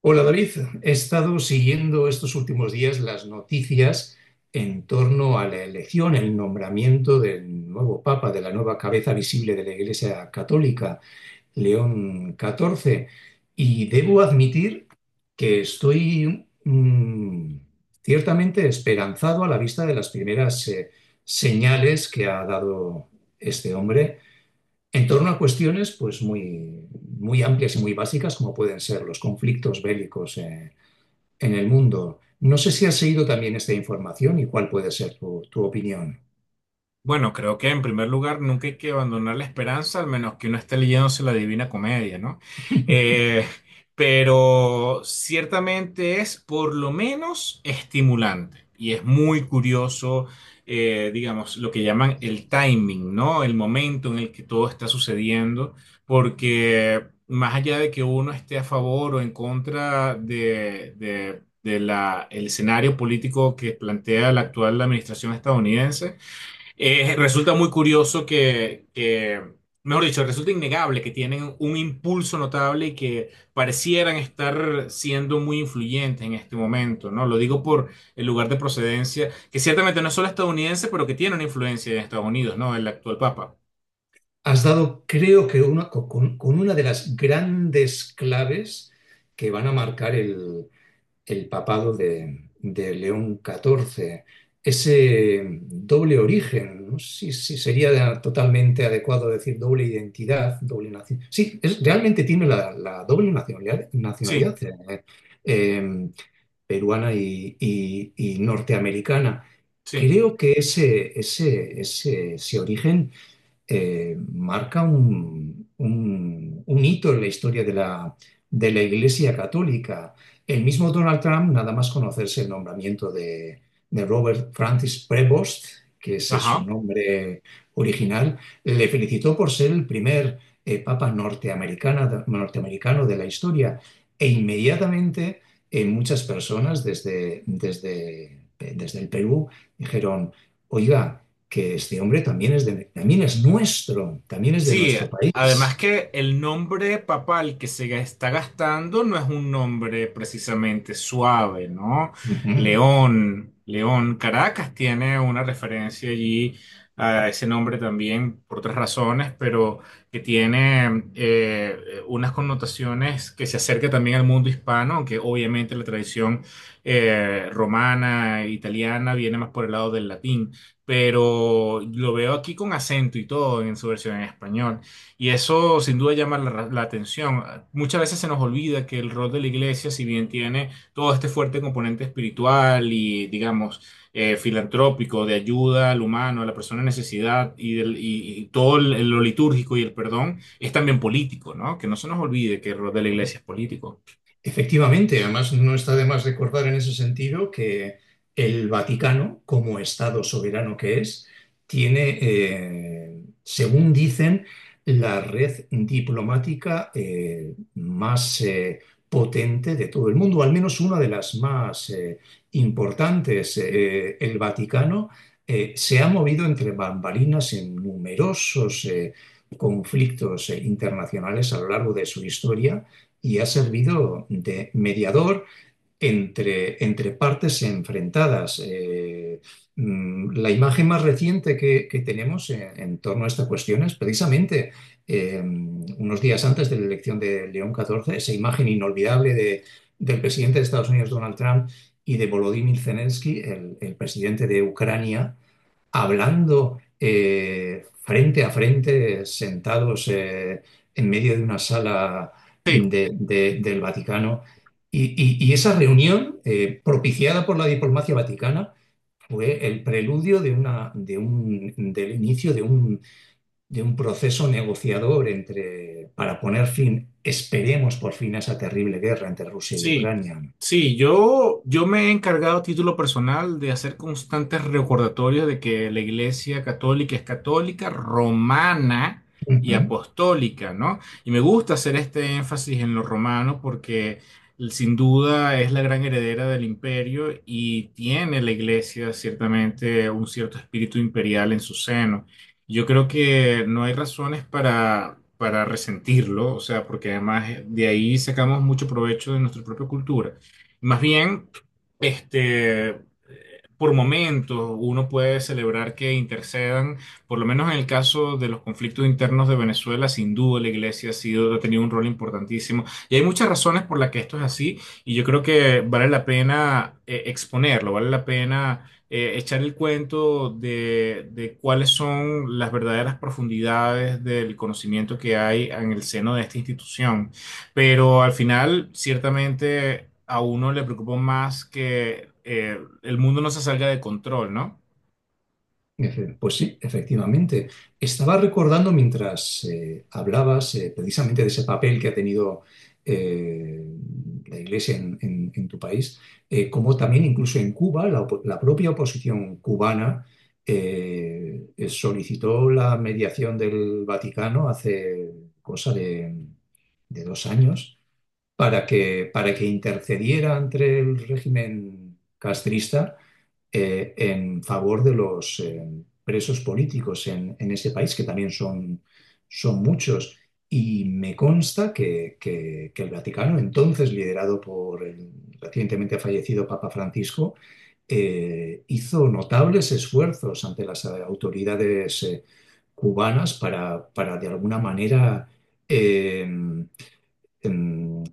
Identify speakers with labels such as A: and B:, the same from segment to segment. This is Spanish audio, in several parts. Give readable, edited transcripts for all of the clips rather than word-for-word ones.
A: Hola David, he estado siguiendo estos últimos días las noticias en torno a la elección, el nombramiento del nuevo Papa, de la nueva cabeza visible de la Iglesia Católica, León XIV, y debo admitir que estoy ciertamente esperanzado a la vista de las primeras señales que ha dado este hombre en torno a cuestiones pues muy amplias y muy básicas como pueden ser los conflictos bélicos en el mundo. No sé si has seguido también esta información y cuál puede ser tu opinión.
B: Bueno, creo que en primer lugar nunca hay que abandonar la esperanza, al menos que uno esté leyéndose la Divina Comedia, ¿no? Eh, pero ciertamente es por lo menos estimulante y es muy curioso, digamos, lo que llaman el timing, ¿no? El momento en el que todo está sucediendo, porque más allá de que uno esté a favor o en contra de el escenario político que plantea la actual administración estadounidense, resulta muy curioso que, mejor dicho, resulta innegable que tienen un impulso notable y que parecieran estar siendo muy influyentes en este momento, ¿no? Lo digo por el lugar de procedencia, que ciertamente no es solo estadounidense, pero que tiene una influencia en Estados Unidos, ¿no? El actual papa.
A: Has dado, creo que una, con una de las grandes claves que van a marcar el papado de León XIV. Ese doble origen, no sé si sería totalmente adecuado decir doble identidad, doble nación. Sí, realmente tiene la doble nacionalidad,
B: Sí,
A: eh, peruana y norteamericana.
B: sí.
A: Creo que ese origen marca un hito en la historia de de la Iglesia Católica. El mismo Donald Trump, nada más conocerse el nombramiento de Robert Francis Prevost, que ese es su
B: Ajá.
A: nombre original, le felicitó por ser el primer papa norteamericano de la historia e inmediatamente muchas personas desde el Perú dijeron, oiga, que este hombre también también es nuestro, también es de
B: Sí,
A: nuestro
B: además
A: país.
B: que el nombre papal que se está gastando no es un nombre precisamente suave, ¿no?
A: Uh -huh.
B: León, León, Caracas tiene una referencia allí a ese nombre también por otras razones, pero que tiene unas connotaciones que se acerca también al mundo hispano, aunque obviamente la tradición romana, italiana, viene más por el lado del latín, pero lo veo aquí con acento y todo en su versión en español. Y eso sin duda llama la atención. Muchas veces se nos olvida que el rol de la iglesia, si bien tiene todo este fuerte componente espiritual y, digamos, filantrópico, de ayuda al humano, a la persona en necesidad y lo litúrgico y el perdón, es también político, ¿no? Que no se nos olvide que el rol de la iglesia es político.
A: Efectivamente, además no está de más recordar en ese sentido que el Vaticano, como Estado soberano que es, tiene, según dicen, la red diplomática más potente de todo el mundo, al menos una de las más importantes. El Vaticano se ha movido entre bambalinas en numerosos conflictos internacionales a lo largo de su historia y ha servido de mediador entre partes enfrentadas. La imagen más reciente que tenemos en torno a esta cuestión es precisamente unos días antes de la elección de León XIV, esa imagen inolvidable del presidente de Estados Unidos, Donald Trump, y de Volodymyr Zelensky, el presidente de Ucrania, hablando frente a frente, sentados en medio de una sala
B: Sí.
A: del Vaticano. Y esa reunión, propiciada por la diplomacia vaticana, fue el preludio de del inicio de de un proceso negociador entre, para poner fin, esperemos por fin, a esa terrible guerra entre Rusia y
B: Sí,
A: Ucrania.
B: sí, yo me he encargado a título personal de hacer constantes recordatorios de que la Iglesia Católica es católica, romana y
A: Ujú.
B: apostólica, ¿no? Y me gusta hacer este énfasis en lo romano porque sin duda es la gran heredera del imperio y tiene la Iglesia ciertamente un cierto espíritu imperial en su seno. Yo creo que no hay razones para resentirlo, o sea, porque además de ahí sacamos mucho provecho de nuestra propia cultura. Más bien, este, por momentos uno puede celebrar que intercedan, por lo menos en el caso de los conflictos internos de Venezuela, sin duda la iglesia ha sido, ha tenido un rol importantísimo. Y hay muchas razones por las que esto es así, y yo creo que vale la pena exponerlo, vale la pena echar el cuento de cuáles son las verdaderas profundidades del conocimiento que hay en el seno de esta institución. Pero al final, ciertamente, a uno le preocupa más que el mundo no se salga de control, ¿no?
A: Pues sí, efectivamente. Estaba recordando mientras hablabas precisamente de ese papel que ha tenido eh, la Iglesia en tu país, como también incluso en Cuba, la propia oposición cubana solicitó la mediación del Vaticano hace cosa de, de dos años para que intercediera entre el régimen castrista en favor de los presos políticos en ese país, que también son muchos. Y me consta que el Vaticano, entonces liderado por el recientemente fallecido Papa Francisco, hizo notables esfuerzos ante las autoridades cubanas para, de alguna manera eh, em,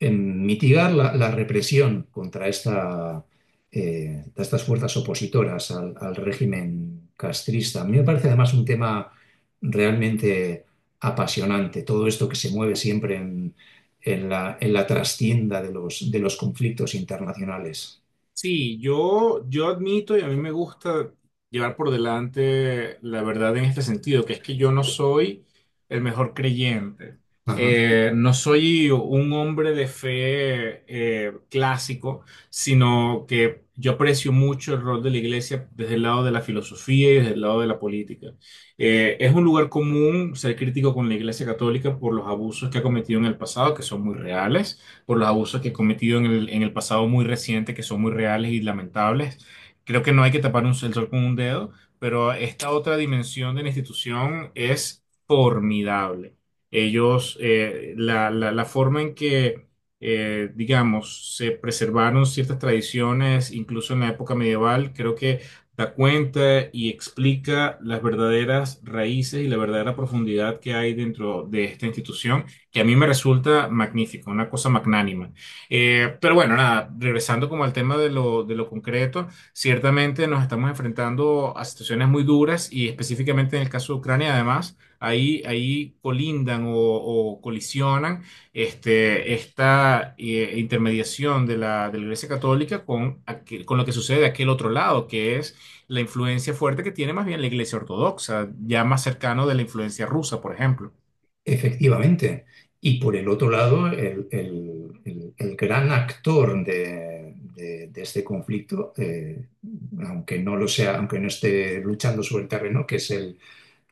A: en mitigar la represión contra esta, de estas fuerzas opositoras al régimen castrista. A mí me parece además un tema realmente apasionante, todo esto que se mueve siempre en en la trastienda de de los conflictos internacionales.
B: Sí, yo admito y a mí me gusta llevar por delante la verdad en este sentido, que es que yo no soy el mejor creyente.
A: Ajá.
B: No soy un hombre de fe clásico, sino que yo aprecio mucho el rol de la iglesia desde el lado de la filosofía y desde el lado de la política. Es un lugar común ser crítico con la iglesia católica por los abusos que ha cometido en el pasado, que son muy reales, por los abusos que he cometido en el pasado muy reciente, que son muy reales y lamentables. Creo que no hay que tapar el sol con un dedo, pero esta otra dimensión de la institución es formidable. Ellos, la forma en digamos, se preservaron ciertas tradiciones, incluso en la época medieval, creo que da cuenta y explica las verdaderas raíces y la verdadera profundidad que hay dentro de esta institución, que a mí me resulta magnífico, una cosa magnánima. Pero bueno, nada, regresando como al tema de de lo concreto, ciertamente nos estamos enfrentando a situaciones muy duras y específicamente en el caso de Ucrania, además, ahí colindan o colisionan este, esta intermediación de de la Iglesia Católica con, con lo que sucede de aquel otro lado, que es la influencia fuerte que tiene más bien la Iglesia Ortodoxa, ya más cercano de la influencia rusa, por ejemplo.
A: Efectivamente. Y por el otro lado, el gran actor de este conflicto, aunque no lo sea, aunque no esté luchando sobre el terreno, que es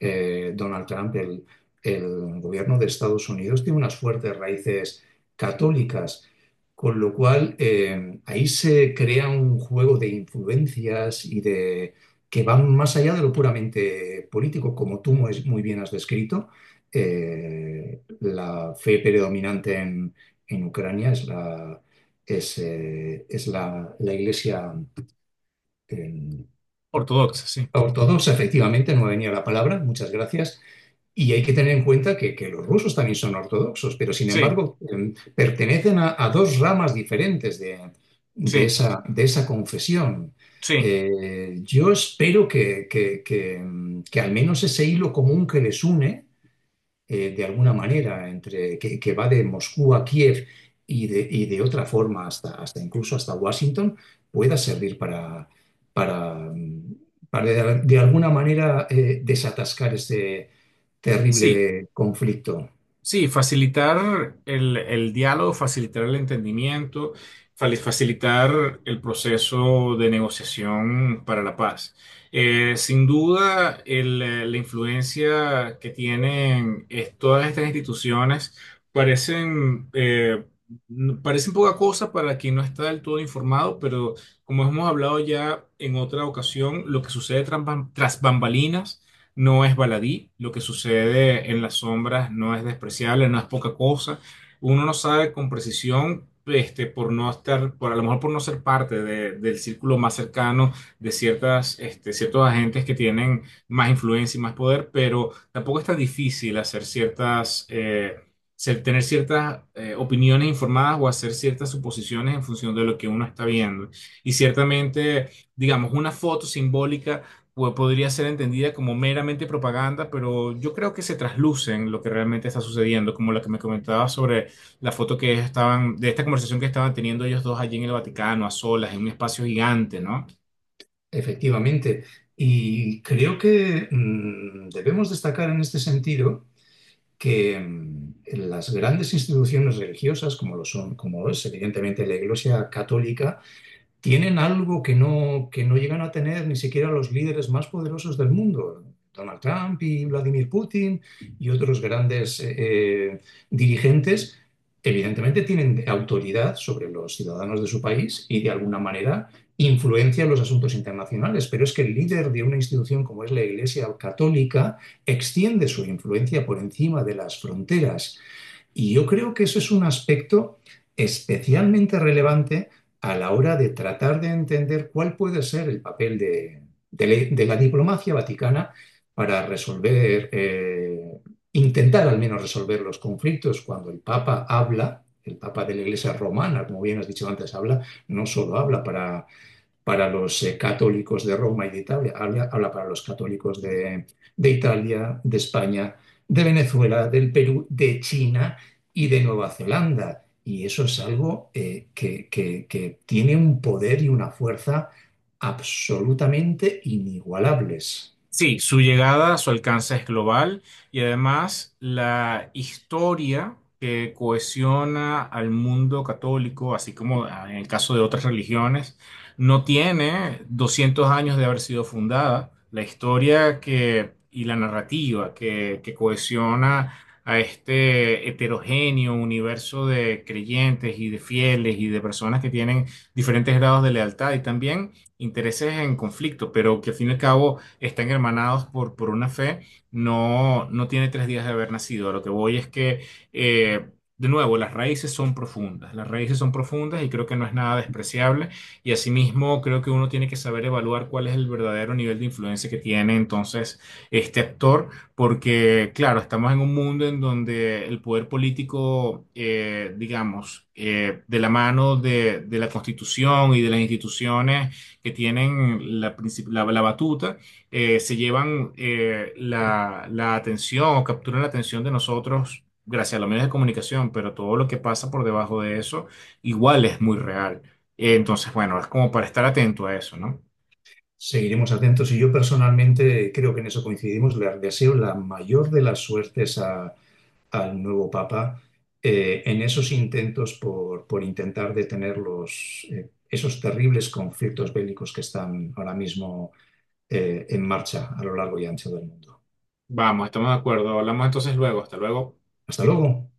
A: Donald Trump, el gobierno de Estados Unidos, tiene unas fuertes raíces católicas, con lo cual ahí se crea un juego de influencias y de que van más allá de lo puramente político, como tú muy muy bien has descrito. La fe predominante en Ucrania es es la iglesia eh,
B: Ortodoxa, sí.
A: ortodoxa, efectivamente, no me venía la palabra, muchas gracias, y hay que tener en cuenta que los rusos también son ortodoxos, pero sin
B: Sí.
A: embargo pertenecen a dos ramas diferentes de
B: Sí,
A: de esa confesión.
B: sí,
A: Yo espero que al menos ese hilo común que les une de alguna manera, que va de Moscú a Kiev y de otra forma hasta incluso hasta Washington, pueda servir para, mm, para de alguna manera desatascar este
B: sí,
A: terrible conflicto.
B: sí, facilitar el diálogo, facilitar el entendimiento, facilitar el proceso de negociación para la paz. Eh, sin duda, la influencia que tienen todas estas instituciones parecen, parecen poca cosa para quien no está del todo informado, pero como hemos hablado ya en otra ocasión, lo que sucede tras bambalinas no es baladí, lo que sucede en las sombras no es despreciable, no es poca cosa. Uno no sabe con precisión, este, por no estar, por a lo mejor por no ser parte del círculo más cercano de ciertas, este, ciertos agentes que tienen más influencia y más poder, pero tampoco es tan difícil hacer ciertas, tener ciertas opiniones informadas o hacer ciertas suposiciones en función de lo que uno está viendo. Y ciertamente, digamos, una foto simbólica o podría ser entendida como meramente propaganda, pero yo creo que se trasluce lo que realmente está sucediendo, como la que me comentaba sobre la foto que estaban, de esta conversación que estaban teniendo ellos dos allí en el Vaticano, a solas, en un espacio gigante, ¿no?
A: Efectivamente. Y creo que debemos destacar en este sentido que mm, las grandes instituciones religiosas, como lo son, como es evidentemente la Iglesia Católica, tienen algo que no llegan a tener ni siquiera los líderes más poderosos del mundo. Donald Trump y Vladimir Putin y otros grandes dirigentes, evidentemente tienen autoridad sobre los ciudadanos de su país y de alguna manera influencian los asuntos internacionales. Pero es que el líder de una institución como es la Iglesia Católica extiende su influencia por encima de las fronteras y yo creo que eso es un aspecto especialmente relevante a la hora de tratar de entender cuál puede ser el papel de de la diplomacia vaticana para resolver, intentar al menos resolver los conflictos cuando el Papa habla. El Papa de la Iglesia Romana, como bien has dicho antes, habla, no solo habla para los católicos de Roma y de Italia, habla, habla para los católicos de Italia, de España, de Venezuela, del Perú, de China y de Nueva Zelanda. Y eso es algo que tiene un poder y una fuerza absolutamente inigualables.
B: Sí, su llegada, su alcance es global, y además la historia que cohesiona al mundo católico, así como ah, en el caso de otras religiones, no tiene 200 años de haber sido fundada. La historia y la narrativa que cohesiona a este heterogéneo universo de creyentes y de fieles y de personas que tienen diferentes grados de lealtad y también intereses en conflicto, pero que al fin y al cabo están hermanados por una fe, no tiene 3 días de haber nacido. A lo que voy es que, eh, de nuevo, las raíces son profundas, las raíces son profundas y creo que no es nada despreciable. Y asimismo, creo que uno tiene que saber evaluar cuál es el verdadero nivel de influencia que tiene entonces este actor, porque, claro, estamos en un mundo en donde el poder político, digamos, de la mano de la Constitución y de las instituciones que tienen la batuta, se llevan la atención o capturan la atención de nosotros gracias a los medios de comunicación, pero todo lo que pasa por debajo de eso igual es muy real. Entonces, bueno, es como para estar atento a eso, ¿no?
A: Seguiremos atentos y yo personalmente creo que en eso coincidimos. Les deseo la mayor de las suertes al nuevo Papa en esos intentos por intentar detener esos terribles conflictos bélicos que están ahora mismo en marcha a lo largo y ancho del mundo.
B: Vamos, estamos de acuerdo. Hablamos entonces luego. Hasta luego.
A: Hasta luego.